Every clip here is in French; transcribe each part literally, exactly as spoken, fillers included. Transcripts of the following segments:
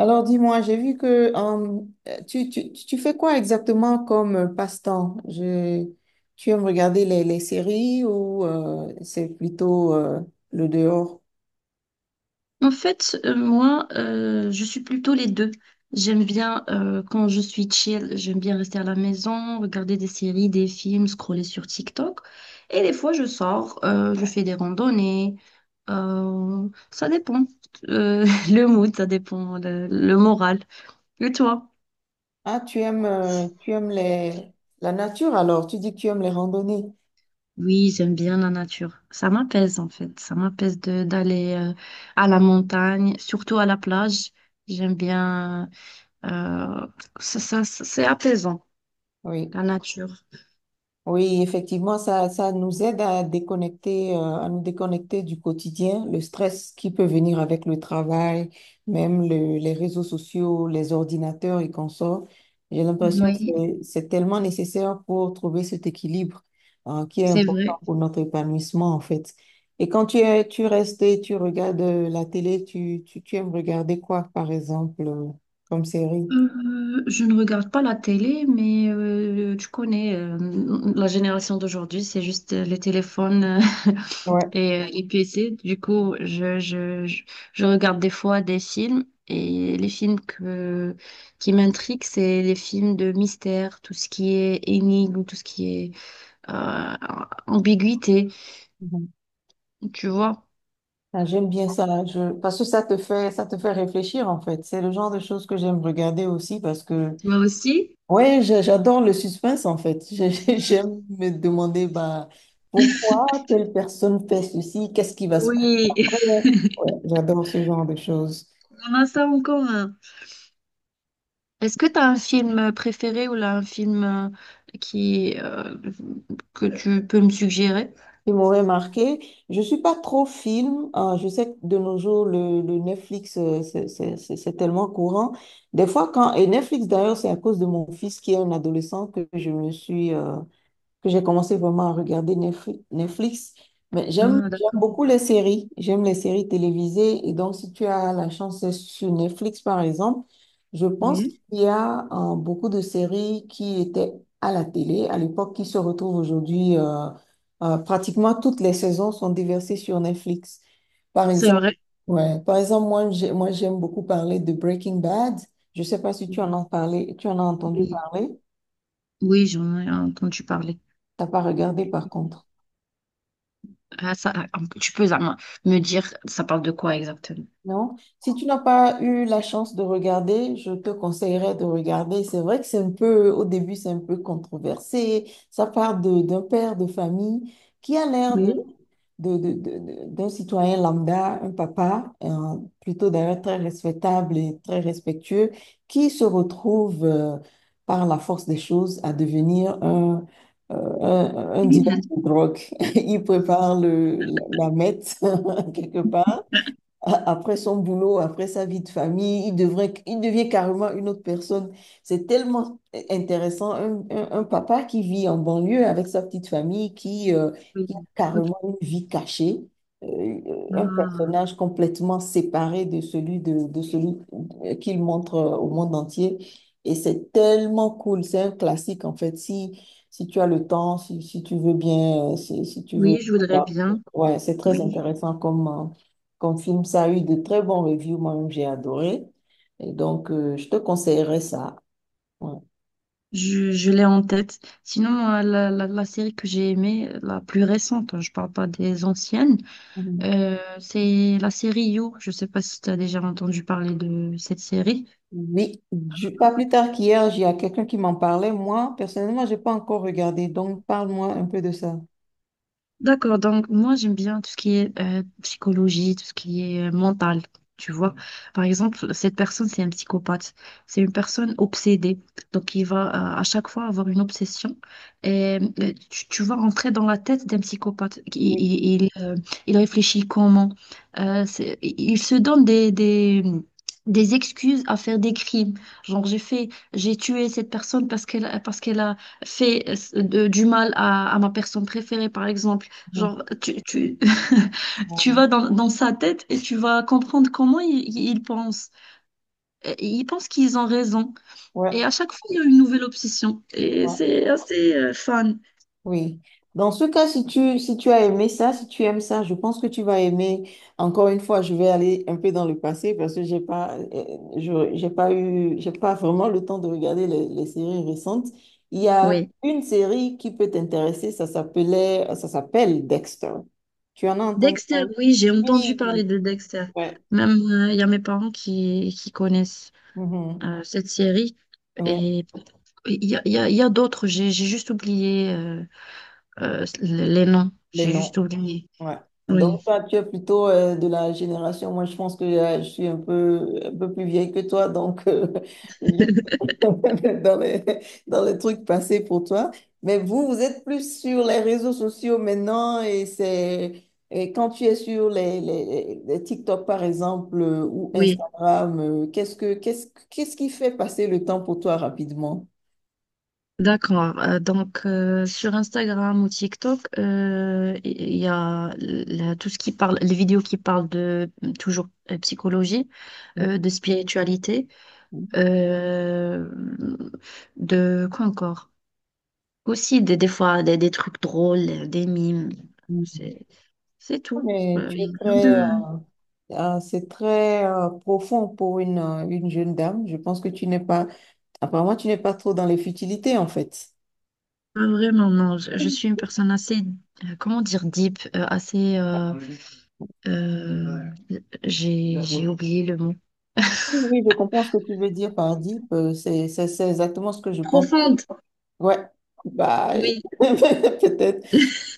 Alors dis-moi, j'ai vu que euh, tu, tu, tu fais quoi exactement comme euh, passe-temps? Je, tu aimes regarder les, les séries ou euh, c'est plutôt euh, le dehors? En fait, euh, moi, euh, je suis plutôt les deux. J'aime bien, euh, quand je suis chill, j'aime bien rester à la maison, regarder des séries, des films, scroller sur TikTok. Et des fois, je sors, euh, je fais des randonnées. Euh, ça dépend. Euh, le mood, ça dépend, le, le moral. Et toi? Ah, tu aimes, euh, tu aimes les, la nature alors? Tu dis que tu aimes les randonnées. Oui, j'aime bien la nature. Ça m'apaise, en fait. Ça m'apaise de d'aller euh, à la montagne, surtout à la plage. J'aime bien... euh, ça, ça- ça- c'est apaisant. Oui. La nature. Oui, effectivement, ça, ça nous aide à déconnecter, euh, à nous déconnecter du quotidien, le stress qui peut venir avec le travail, même le- les réseaux sociaux, les ordinateurs et consorts. J'ai l'impression que Oui, c'est, c'est tellement nécessaire pour trouver cet équilibre, euh, qui est c'est important vrai. pour notre épanouissement, en fait. Et quand tu es, tu restes et tu regardes euh, la télé, tu, tu, tu aimes regarder quoi, par exemple, euh, comme série? Euh, je ne regarde pas la télé, mais euh, tu connais euh, la génération d'aujourd'hui, c'est juste euh, les téléphones euh, Ouais. et euh, les P C. Du coup, je, je, je, je regarde des fois des films et les films que, qui m'intriguent, c'est les films de mystère, tout ce qui est énigme, tout ce qui est euh, ambiguïté, tu vois. Ah, j'aime bien ça, je... parce que ça te fait, ça te fait réfléchir en fait. C'est le genre de choses que j'aime regarder aussi parce que, Moi aussi? ouais, j'a- j'adore le suspense en fait. J'ai- j'ai- J'aime me demander bah, pourquoi telle personne fait ceci, qu'est-ce qui va se passer. Oui, Ouais, j'adore ce genre de choses. on a ça en commun. Est-ce que tu as un film préféré ou là, un film euh, qui, euh, que tu peux me suggérer? Qui m'aurait marqué, je suis pas trop film, hein. Je sais que de nos jours, le, le Netflix, euh, c'est c'est- c'est- c'est tellement courant. Des fois, quand, et Netflix d'ailleurs, c'est à cause de mon fils qui est un adolescent que je me suis. Euh, que j'ai commencé vraiment à regarder Netfli- Netflix. Mais j'aime Ah, j'aime d'accord. beaucoup les séries. J'aime les séries télévisées. Et donc, si tu as la chance d'être sur Netflix, par exemple, je pense Oui, qu'il y a euh, beaucoup de séries qui étaient à la télé à l'époque qui se retrouvent aujourd'hui. Euh, euh, pratiquement toutes les saisons sont déversées sur Netflix. Par c'est exemple, vrai. ouais, par exemple, moi, j'ai- moi, j'aime beaucoup parler de Breaking Bad. Je ne sais pas si tu Oui, en as parlé, tu en as entendu oui, parler. oui, j'en ai entendu parler. T'as pas regardé, par contre. Ah, ça, ah, tu peux ah, me dire, ça parle de quoi exactement? Non, si tu n'as pas eu la chance de regarder, je te conseillerais de regarder. C'est vrai que c'est un peu, au début, c'est un peu controversé. Ça part de- d'un père de famille qui a l'air de, Oui. de- de- de- de- d'un citoyen lambda, un papa, un- plutôt d'ailleurs très respectable et très respectueux, qui se retrouve, euh, par la force des choses, à devenir un, euh, un, un dealer Oui. de drogue. Il prépare le, la, la meth, quelque part a- après son boulot, après sa vie de famille, il devrait, il devient carrément une autre personne. C'est tellement intéressant, un, un- un papa qui vit en banlieue avec sa petite famille, qui, euh, Oui. qui a Ok. carrément une vie cachée, euh, un Ah, personnage complètement séparé de celui, de, de celui euh, qu'il montre euh, au monde entier. Et c'est tellement cool, c'est un classique en fait. Si, si tu as le temps, si, si tu veux bien, euh, si, si tu veux... oui, je voudrais bien. Ouais, c'est très Oui. intéressant comme... euh, comme film, ça a eu de très bons reviews, moi-même j'ai adoré. Et donc, euh, je te conseillerais ça. Ouais. Je, je l'ai en tête. Sinon, moi, la, la, la série que j'ai aimée, la plus récente, hein, je parle pas des anciennes. Mhm. Euh, c'est la série You. Je sais pas si tu as déjà entendu parler de cette série. Oui, du- pas plus tard qu'hier, il y a quelqu'un qui m'en parlait. Moi, personnellement, j'ai pas encore regardé, donc parle-moi un peu de ça. D'accord, donc moi j'aime bien tout ce qui est euh, psychologie, tout ce qui est euh, mental, tu vois. Par exemple, cette personne, c'est un psychopathe, c'est une personne obsédée, donc il va euh, à chaque fois avoir une obsession et euh, tu, tu vas rentrer dans la tête d'un psychopathe. Il, Oui. il, il, euh, il réfléchit comment. Euh, c'est- il se donne des, des, des excuses à faire des crimes. Genre j'ai fait, j'ai tué cette personne parce qu'elle, parce qu'elle a fait euh, de- du mal à à ma personne préférée, par exemple. Mhm. Genre, tu, tu, tu Bon. vas dans, dans sa tête et tu vas comprendre comment il, il pense. Et ils pensent qu'ils ont raison. Ouais. Et à chaque fois, il y a une nouvelle obsession. Et c'est assez euh, fun. Oui. Dans ce cas, si tu, si tu as aimé ça, si tu aimes ça, je pense que tu vas aimer. Encore une fois, je vais aller un peu dans le passé parce que j'ai pas, euh, je, j'ai pas eu, j'ai pas vraiment le temps de regarder les, les séries récentes. Il y a Oui. une série qui peut t'intéresser, ça s'appelait, ça s'appelle Dexter. Tu en as entendu Dexter, parler? oui, j'ai entendu parler Oui. de Dexter. Ouais. Même, euh, il y a mes parents qui, qui connaissent Mhm. euh, cette série. Ouais. Et il y a, il y a- il y a d'autres. J'ai j'ai juste oublié euh, euh, les noms. Les J'ai noms. juste oublié. Ouais. Donc, Oui, toi, tu es plutôt euh, de la génération. Moi, je pense que euh, je suis un peu, un peu plus vieille que toi. Donc, euh, je- dans les, dans les trucs passés pour toi. Mais vous, vous êtes plus sur les réseaux sociaux maintenant. Et c'est et quand tu es sur les, les, les TikTok, par exemple, euh, ou oui. Instagram, euh, qu'est-ce que, qu'est-ce, qu'est-ce qui fait passer le temps pour toi rapidement? D'accord. Euh, donc, euh, sur Instagram ou TikTok, euh, il y a la- tout ce qui parle, les vidéos qui parlent de toujours euh, psychologie, euh, de spiritualité, euh, de quoi encore? Aussi, des, des fois, des, des trucs drôles, des mimes. Mhm. C'est, c'est tout. Mais Euh, tu Il y a es rien très, de... euh, c'est très euh, profond pour une, euh, une jeune dame. Je pense que tu n'es pas, apparemment, tu n'es pas trop dans les futilités, en fait. Pas vraiment, non. Je, je suis une personne assez, euh, comment dire, deep, euh, assez... euh, euh, j'ai j'ai oublié le mot. Oui, oui, je comprends ce que tu veux dire par deep. Euh, C'est, c'est, c'est exactement ce que je pense. Profonde. Ouais, bah, Oui, peut-être.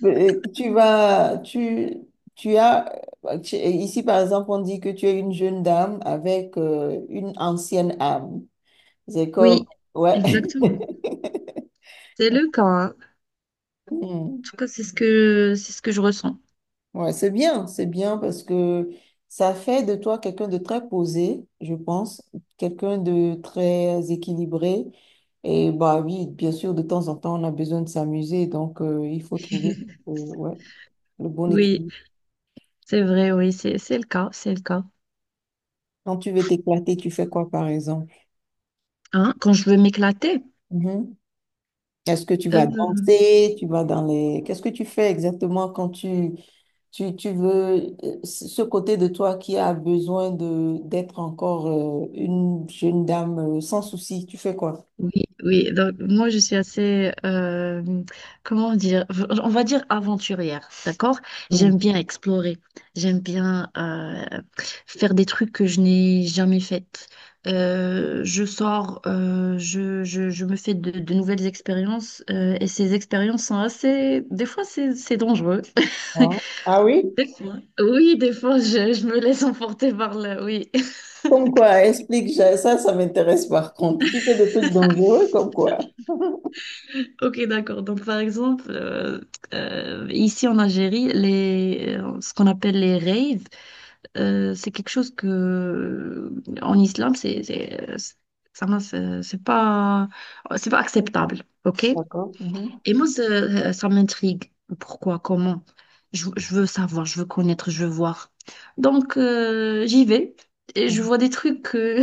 Mais tu vas, tu, tu as, euh, tu- ici, par exemple, on dit que tu es une jeune dame avec euh, une ancienne âme. C'est comme, oui, ouais. exactement. C'est le cas, hein. En Hmm. tout cas, c'est ce que c'est ce que je ressens. Ouais, c'est bien, c'est bien parce que ça fait de toi quelqu'un de très posé, je pense, quelqu'un de très équilibré. Et bah oui, bien sûr, de temps en temps, on a besoin de s'amuser, donc euh, il faut trouver euh, ouais, le bon Oui, équilibre. c'est vrai, oui, c'est c'est le cas, c'est le cas. Quand tu veux t'éclater, tu fais quoi, par exemple? Hein, quand je veux m'éclater, Mhm. Est-ce que tu vas euh, danser? Tu vas dans les... Qu'est-ce que tu fais exactement quand tu, tu, tu veux euh, ce côté de toi qui a besoin de d'être encore euh, une jeune dame euh, sans souci, tu fais quoi? oui, oui. Donc moi je suis assez, euh, comment dire, on va dire aventurière, d'accord? Mm. J'aime bien explorer, j'aime bien euh, faire des trucs que je n'ai jamais fait. Euh, je sors, euh, je, je, je me fais de, de nouvelles expériences euh, et ces expériences sont assez, des fois c'est c'est dangereux. Ah, ah oui? Des fois. Oui, des fois je, je me laisse emporter par là, oui. Comme quoi, explique, ça, ça ça m'intéresse par contre. Tu fais des trucs dangereux comme quoi? Ok, d'accord. Donc, par exemple, euh, euh, ici en Algérie, les, euh, ce qu'on appelle les raves, euh, c'est quelque chose que euh, en islam, c'est, c'est, euh, c'est- ça, m'a- c'est c'est pas, c'est pas acceptable. Ok? D'accord. Mhm. Et moi, ça, ça m'intrigue. Pourquoi? Comment? Je, je veux savoir, je veux connaître, je veux voir. Donc, euh, j'y vais et je Mhm. vois des trucs que,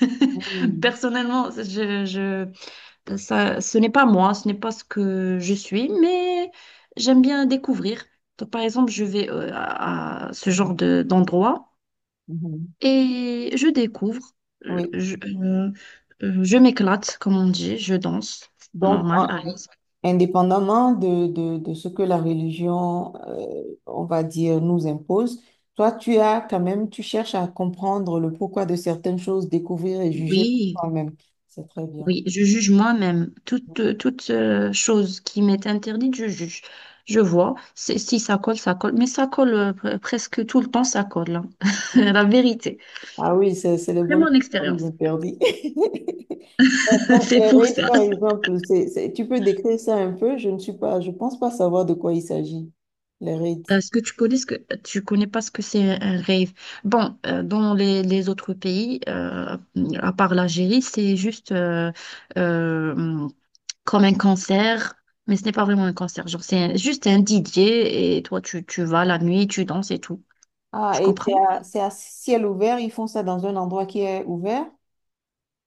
Mhm. personnellement, je, je ça, ce n'est pas moi, ce n'est pas ce que je suis, mais j'aime bien découvrir. Donc, par exemple, je vais euh, à, à ce genre de, d'endroit Mhm. et je découvre, euh, Oui. je, euh, euh, je m'éclate, comme on dit, je danse, Donc, normal, en, à indépendamment de, de, de ce que la religion, euh, on va dire, nous impose, toi, tu as quand même, tu cherches à comprendre le pourquoi de certaines choses, découvrir et juger par oui, toi-même. C'est très bien. oui, je juge moi-même. Toute, euh, toute euh, chose qui m'est interdite, je juge. Je vois. C'est- si ça colle, ça colle, mais ça colle euh, pre- presque tout le temps, ça colle, hein. La vérité. Ah oui, c'est, c'est les C'est bonnes mon choses qu'on nous expérience. interdit. Donc, C'est les pour rites, ça. par exemple, c'est, c'est- tu peux décrire ça un peu? Je ne suis pas, je pense pas savoir de quoi il s'agit, les rites. Est-ce que tu connais ce que tu connais pas ce que c'est un rave? Bon, euh, dans les, les autres pays, euh, à part l'Algérie, c'est juste euh, euh, comme un concert, mais ce n'est pas vraiment un concert. Genre, c'est un- juste un D J et toi, tu, tu vas la nuit, tu danses et tout. Tu Ah, et comprends? c'est à, c'est à ciel ouvert, ils font ça dans un endroit qui est ouvert?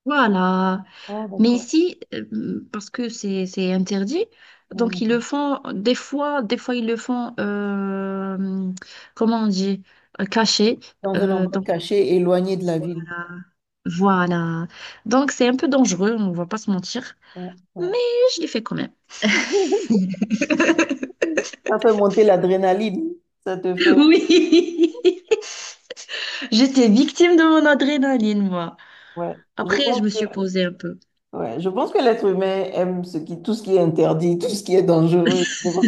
Voilà. Oh, Mais d'accord. ici, euh, parce que c'est c'est interdit, donc ils Hmm. le font des fois, des fois ils le font, euh, comment on dit, euh, caché. Dans un Euh, endroit donc, caché, éloigné de la ville. Voilà. Donc, c'est un peu dangereux, on ne va pas se mentir, Ouais, mais ouais. je l'ai fait quand même. Ça fait monter l'adrénaline. Ça te fait. Oui, j'étais victime de mon adrénaline, moi. Ouais. Je Après, je me pense que, suis posée un peu. ouais, je pense que l'être humain aime ce qui, tout ce qui est interdit, tout ce qui est dangereux.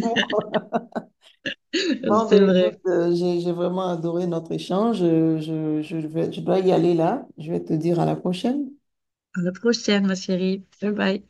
Bon, C'est ben vrai. écoute, euh, j'ai j'ai vraiment adoré notre échange. Je, je, je vais- je dois y aller là. Je vais te dire à la prochaine. À la prochaine, ma chérie. Bye bye.